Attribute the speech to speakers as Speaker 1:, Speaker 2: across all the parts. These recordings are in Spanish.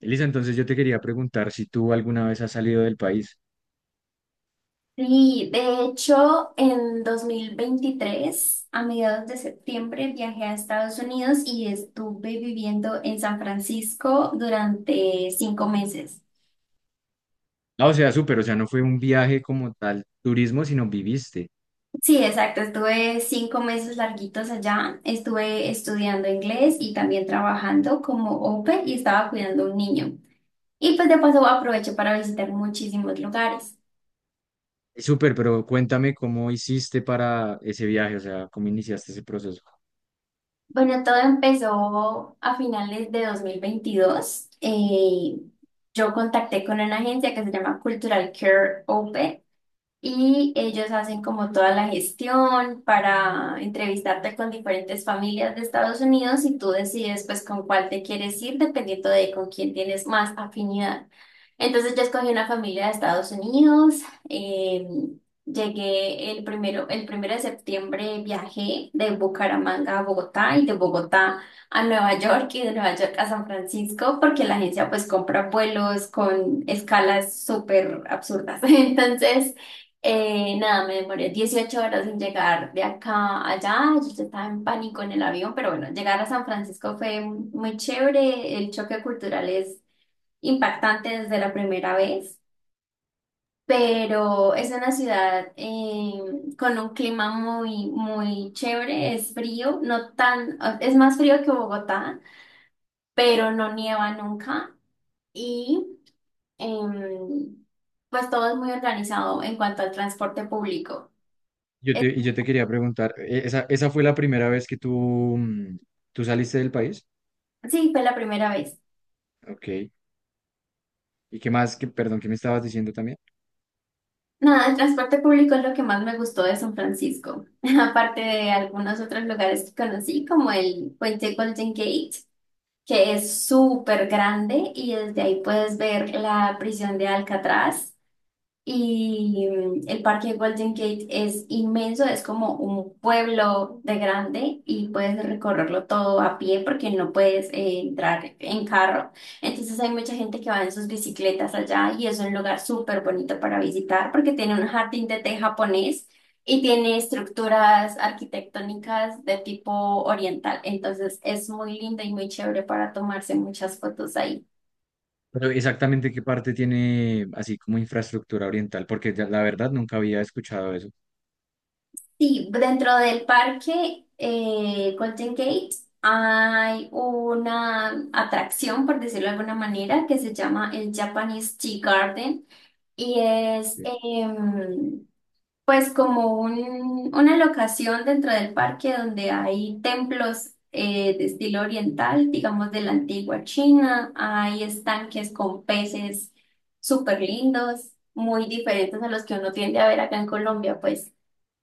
Speaker 1: Elisa, entonces yo te quería preguntar si tú alguna vez has salido del país.
Speaker 2: Sí, de hecho, en 2023, a mediados de septiembre, viajé a Estados Unidos y estuve viviendo en San Francisco durante 5 meses.
Speaker 1: Ah, o sea, súper, o sea, no fue un viaje como tal, turismo, sino viviste.
Speaker 2: Sí, exacto, estuve 5 meses larguitos allá, estuve estudiando inglés y también trabajando como au pair y estaba cuidando a un niño. Y pues de paso aproveché para visitar muchísimos lugares.
Speaker 1: Y súper, pero cuéntame cómo hiciste para ese viaje, o sea, cómo iniciaste ese proceso.
Speaker 2: Bueno, todo empezó a finales de 2022. Yo contacté con una agencia que se llama Cultural Care Open. Y ellos hacen como toda la gestión para entrevistarte con diferentes familias de Estados Unidos y tú decides pues con cuál te quieres ir dependiendo de con quién tienes más afinidad. Entonces yo escogí una familia de Estados Unidos. eh, llegué el primero de septiembre, viajé de Bucaramanga a Bogotá y de Bogotá a Nueva York y de Nueva York a San Francisco porque la agencia pues compra vuelos con escalas súper absurdas. Entonces... Nada, me demoré 18 horas en llegar de acá a allá. Yo ya estaba en pánico en el avión, pero bueno, llegar a San Francisco fue muy chévere. El choque cultural es impactante desde la primera vez, pero es una ciudad con un clima muy, muy chévere. Es frío, no tan, es más frío que Bogotá, pero no nieva nunca. Y em, pues todo es muy organizado en cuanto al transporte público.
Speaker 1: Y yo te quería preguntar, ¿ esa, esa fue la primera vez que tú, tú saliste del país?
Speaker 2: Sí, fue la primera vez.
Speaker 1: Ok. ¿Y qué más? Que, perdón, ¿qué me estabas diciendo también?
Speaker 2: Nada, el transporte público es lo que más me gustó de San Francisco, aparte de algunos otros lugares que conocí, como el puente Golden Gate, que es súper grande y desde ahí puedes ver la prisión de Alcatraz. Y el parque Golden Gate es inmenso, es como un pueblo de grande y puedes recorrerlo todo a pie porque no puedes entrar en carro. Entonces hay mucha gente que va en sus bicicletas allá y es un lugar súper bonito para visitar porque tiene un jardín de té japonés y tiene estructuras arquitectónicas de tipo oriental. Entonces es muy lindo y muy chévere para tomarse muchas fotos ahí.
Speaker 1: Pero exactamente qué parte tiene así como infraestructura oriental, porque la verdad nunca había escuchado eso.
Speaker 2: Sí, dentro del parque Golden Gate hay una atracción, por decirlo de alguna manera, que se llama el Japanese Tea Garden y es pues como una locación dentro del parque donde hay templos de estilo oriental, digamos de la antigua China, hay estanques con peces súper lindos, muy diferentes a los que uno tiende a ver acá en Colombia, pues.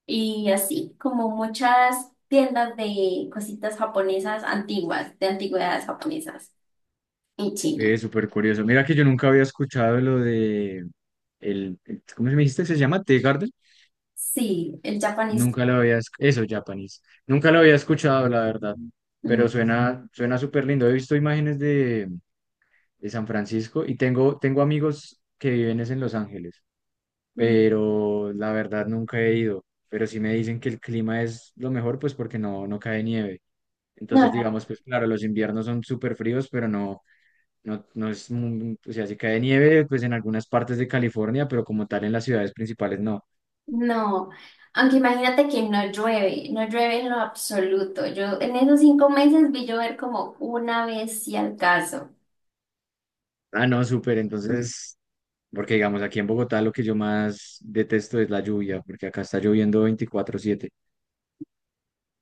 Speaker 2: Y así como muchas tiendas de cositas japonesas antiguas, de antigüedades japonesas en China.
Speaker 1: Es súper curioso. Mira que yo nunca había escuchado lo de ¿cómo se me dijiste que se llama? Tea Garden.
Speaker 2: Sí, el japonés.
Speaker 1: Nunca lo había, eso, japonés. Nunca lo había escuchado, la verdad.
Speaker 2: Mm,
Speaker 1: Pero suena, suena súper lindo. He visto imágenes de San Francisco y tengo, tengo amigos que viven es en Los Ángeles,
Speaker 2: mm.
Speaker 1: pero la verdad nunca he ido. Pero sí me dicen que el clima es lo mejor, pues porque no, no cae nieve.
Speaker 2: No,
Speaker 1: Entonces,
Speaker 2: no,
Speaker 1: digamos, pues claro, los inviernos son súper fríos, pero no. No, no es, o sea, si cae nieve, pues en algunas partes de California, pero como tal en las ciudades principales no.
Speaker 2: no. Aunque imagínate que no llueve, no llueve en lo absoluto. Yo en esos 5 meses vi llover como una vez si al caso.
Speaker 1: Ah, no, súper, entonces, porque digamos, aquí en Bogotá lo que yo más detesto es la lluvia, porque acá está lloviendo 24/7.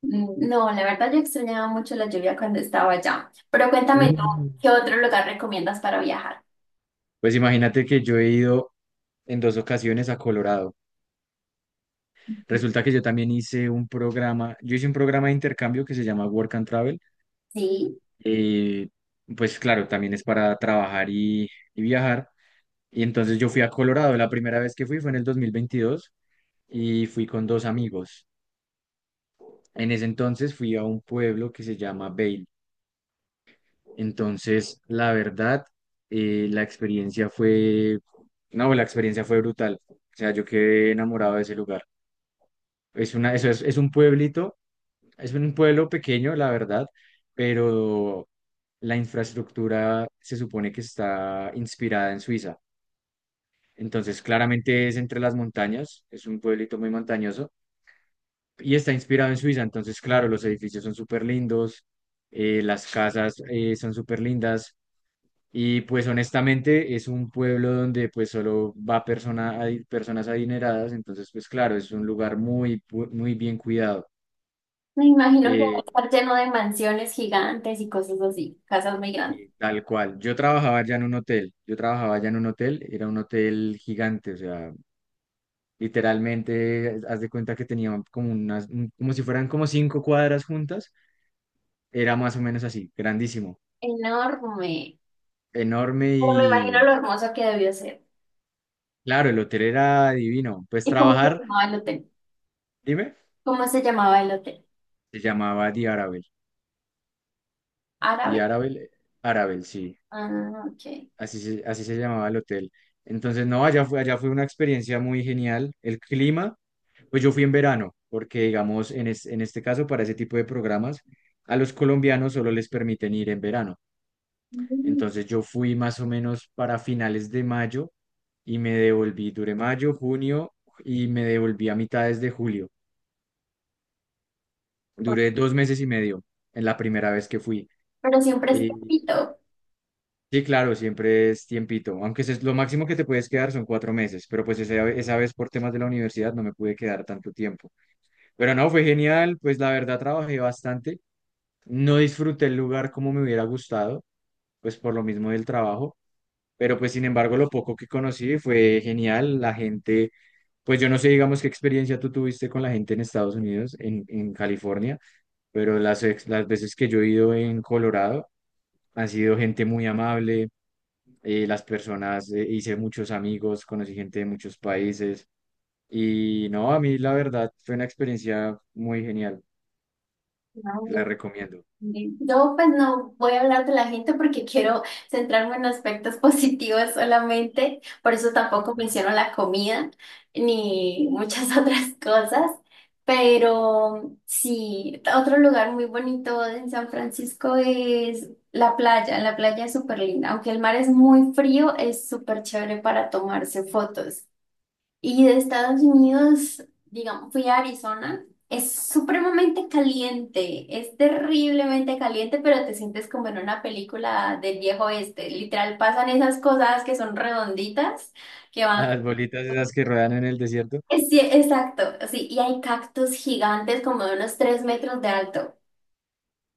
Speaker 2: Mm, no, la verdad yo extrañaba mucho la lluvia cuando estaba allá. Pero cuéntame tú,
Speaker 1: No.
Speaker 2: ¿qué otro lugar recomiendas para viajar?
Speaker 1: Pues imagínate que yo he ido en dos ocasiones a Colorado. Resulta que yo también hice un programa, yo hice un programa de intercambio que se llama Work and Travel.
Speaker 2: Sí.
Speaker 1: eh, pues claro, también es para trabajar y viajar. Y entonces yo fui a Colorado, la primera vez que fui fue en el 2022 y fui con dos amigos. En ese entonces fui a un pueblo que se llama Vail. Entonces, la verdad, la experiencia fue, no, la experiencia fue brutal. O sea, yo quedé enamorado de ese lugar. Es una, eso es un pueblito, es un pueblo pequeño, la verdad, pero la infraestructura se supone que está inspirada en Suiza. Entonces, claramente es entre las montañas, es un pueblito muy montañoso y está inspirado en Suiza, entonces, claro, los edificios son súper lindos, las casas son súper lindas, y pues honestamente es un pueblo donde pues solo va personas adineradas, entonces, pues claro, es un lugar muy, muy bien cuidado,
Speaker 2: Me imagino que va a
Speaker 1: eh,
Speaker 2: estar lleno de mansiones gigantes y cosas así, casas muy grandes.
Speaker 1: y tal cual. Yo trabajaba ya en un hotel, era un hotel gigante, o sea, literalmente, haz de cuenta que tenía como unas, como si fueran como 5 cuadras juntas, era más o menos así, grandísimo.
Speaker 2: Enorme.
Speaker 1: Enorme
Speaker 2: Pero me imagino
Speaker 1: y
Speaker 2: lo hermoso que debió ser.
Speaker 1: claro, el hotel era divino. Pues
Speaker 2: ¿Y cómo se
Speaker 1: trabajar,
Speaker 2: llamaba el hotel?
Speaker 1: dime,
Speaker 2: ¿Cómo se llamaba el hotel?
Speaker 1: se llamaba The Arabel. The
Speaker 2: ¿Árabe?
Speaker 1: Arabel, eh, Arabel, sí,
Speaker 2: Ah, ok.
Speaker 1: así se llamaba el hotel. Entonces, no, allá fue una experiencia muy genial. El clima, pues yo fui en verano, porque digamos, en este caso, para ese tipo de programas, a los colombianos solo les permiten ir en verano.
Speaker 2: Mm,
Speaker 1: Entonces yo fui más o menos para finales de mayo y me devolví, duré mayo, junio y me devolví a mitades de julio.
Speaker 2: pues,
Speaker 1: Duré 2 meses y medio en la primera vez que fui.
Speaker 2: pero siempre es
Speaker 1: Eh,
Speaker 2: bonito.
Speaker 1: sí, claro, siempre es tiempito, aunque es lo máximo que te puedes quedar son 4 meses, pero pues esa vez por temas de la universidad no me pude quedar tanto tiempo. Pero no, fue genial, pues la verdad trabajé bastante, no disfruté el lugar como me hubiera gustado, pues por lo mismo del trabajo, pero pues sin embargo lo poco que conocí fue genial, la gente, pues yo no sé, digamos, qué experiencia tú tuviste con la gente en Estados Unidos, en California, pero las veces que yo he ido en Colorado, han sido gente muy amable, las personas, hice muchos amigos, conocí gente de muchos países y no, a mí la verdad fue una experiencia muy genial, la recomiendo.
Speaker 2: Sí, yo pues no voy a hablar de la gente porque quiero centrarme en aspectos positivos solamente, por eso tampoco menciono la comida ni muchas otras cosas, pero sí, otro lugar muy bonito en San Francisco es la playa es súper linda, aunque el mar es muy frío, es súper chévere para tomarse fotos. Y de Estados Unidos, digamos, fui a Arizona. Es supremamente caliente, es terriblemente caliente, pero te sientes como en una película del viejo oeste. Literal, pasan esas cosas que son redonditas, que van...
Speaker 1: Las bolitas esas que rodan en el desierto,
Speaker 2: Sí, exacto, sí, y hay cactus gigantes como de unos 3 metros de alto.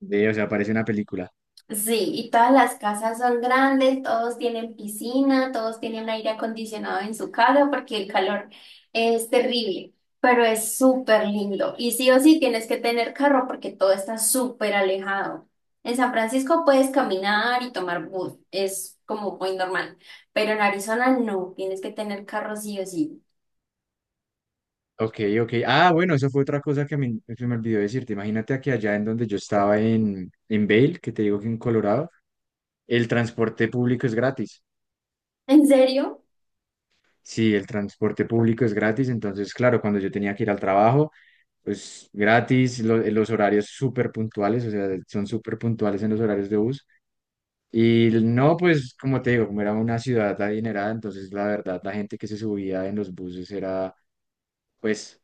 Speaker 1: de, o sea, parece una película.
Speaker 2: Sí, y todas las casas son grandes, todos tienen piscina, todos tienen aire acondicionado en su casa porque el calor es terrible, pero es súper lindo. Y sí o sí tienes que tener carro porque todo está súper alejado. En San Francisco puedes caminar y tomar bus, es como muy normal, pero en Arizona no, tienes que tener carro sí o sí.
Speaker 1: Ok, ok. Ah, bueno, eso fue otra cosa que me, se me olvidó decirte. Imagínate que allá en donde yo estaba en Vail, que te digo que en Colorado, el transporte público es gratis.
Speaker 2: ¿En serio?
Speaker 1: Sí, el transporte público es gratis, entonces, claro, cuando yo tenía que ir al trabajo, pues gratis, los horarios súper puntuales, o sea, son súper puntuales en los horarios de bus. Y no, pues como te digo, como era una ciudad adinerada, entonces la verdad la gente que se subía en los buses era pues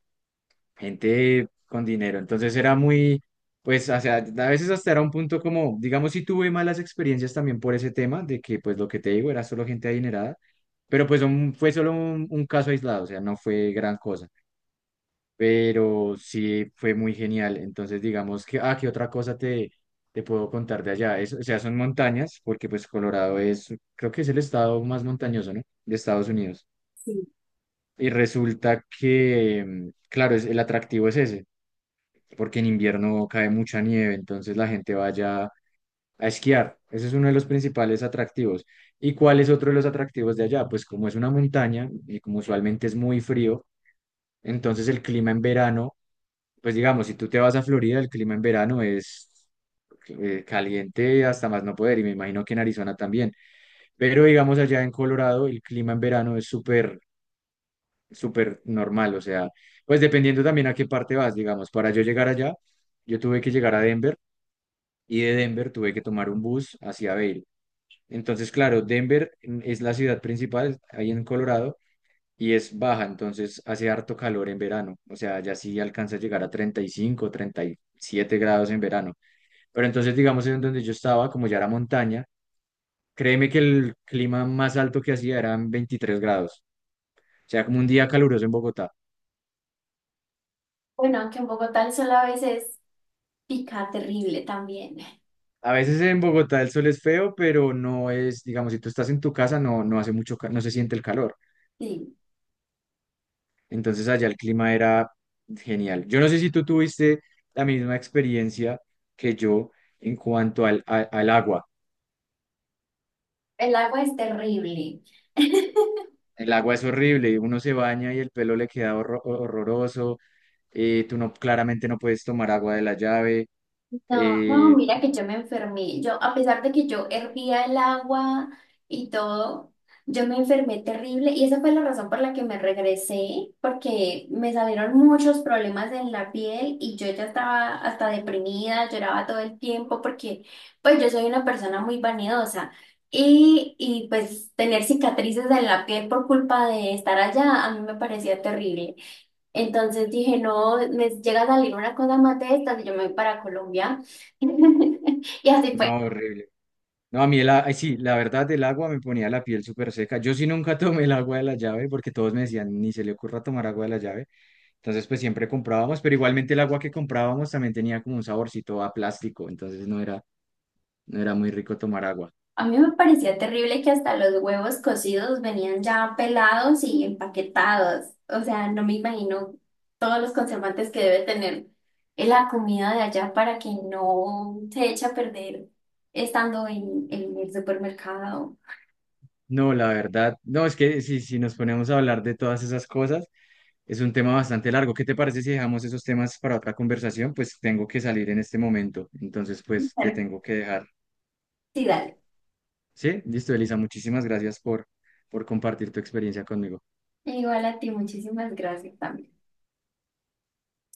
Speaker 1: gente con dinero, entonces era muy, pues, o sea, a veces hasta era un punto como, digamos, si tuve malas experiencias también por ese tema, de que pues lo que te digo era solo gente adinerada, pero pues fue solo un caso aislado, o sea, no fue gran cosa pero sí fue muy genial. Entonces, digamos que, ah, ¿qué otra cosa te, te puedo contar de allá? Es, o sea, son montañas, porque pues Colorado es, creo que es el estado más montañoso, ¿no? De Estados Unidos.
Speaker 2: Sí.
Speaker 1: Y resulta que, claro, es, el atractivo es ese, porque en invierno cae mucha nieve, entonces la gente vaya a esquiar. Ese es uno de los principales atractivos. ¿Y cuál es otro de los atractivos de allá? Pues como es una montaña y como usualmente es muy frío, entonces el clima en verano... Pues digamos, si tú te vas a Florida, el clima en verano es caliente hasta más no poder y me imagino que en Arizona también. Pero digamos allá en Colorado, el clima en verano es súper, súper normal. O sea, pues dependiendo también a qué parte vas, digamos. Para yo llegar allá, yo tuve que llegar a Denver y de Denver tuve que tomar un bus hacia Vail. Entonces, claro, Denver es la ciudad principal ahí en Colorado y es baja, entonces hace harto calor en verano. O sea, ya sí alcanza a llegar a 35, 37 grados en verano. Pero entonces, digamos, en donde yo estaba, como ya era montaña, créeme que el clima más alto que hacía eran 23 grados. O sea, como un día caluroso en Bogotá.
Speaker 2: Bueno, aunque en Bogotá el sol a veces pica terrible también.
Speaker 1: A veces en Bogotá el sol es feo, pero no es, digamos, si tú estás en tu casa, no, no hace mucho, no se siente el calor.
Speaker 2: Sí,
Speaker 1: Entonces allá el clima era genial. Yo no sé si tú tuviste la misma experiencia que yo en cuanto al agua.
Speaker 2: el agua es terrible.
Speaker 1: El agua es horrible, uno se baña y el pelo le queda horroroso, tú no, claramente no puedes tomar agua de la llave.
Speaker 2: No, no,
Speaker 1: Eh,
Speaker 2: mira que yo me enfermé. Yo, a pesar de que yo hervía el agua y todo, yo me enfermé terrible y esa fue la razón por la que me regresé, porque me salieron muchos problemas en la piel y yo ya estaba hasta deprimida, lloraba todo el tiempo porque pues yo soy una persona muy vanidosa y pues tener cicatrices en la piel por culpa de estar allá a mí me parecía terrible. Entonces dije, no, me llega a salir una cosa más de estas y yo me voy para Colombia. Y así fue.
Speaker 1: No, horrible. No, a mí ay, sí, la verdad, el agua me ponía la piel súper seca. Yo sí nunca tomé el agua de la llave porque todos me decían, ni se le ocurra tomar agua de la llave. Entonces, pues siempre comprábamos, pero igualmente el agua que comprábamos también tenía como un saborcito a plástico, entonces no era, no era muy rico tomar agua.
Speaker 2: A mí me parecía terrible que hasta los huevos cocidos venían ya pelados y empaquetados. O sea, no me imagino todos los conservantes que debe tener la comida de allá para que no se eche a perder estando en el supermercado.
Speaker 1: No, la verdad, no, es que si nos ponemos a hablar de todas esas cosas, es un tema bastante largo. ¿Qué te parece si dejamos esos temas para otra conversación? Pues tengo que salir en este momento, entonces pues te
Speaker 2: Claro.
Speaker 1: tengo que dejar.
Speaker 2: Sí, dale.
Speaker 1: Sí, listo, Elisa, muchísimas gracias por compartir tu experiencia conmigo.
Speaker 2: Igual a ti, muchísimas gracias también.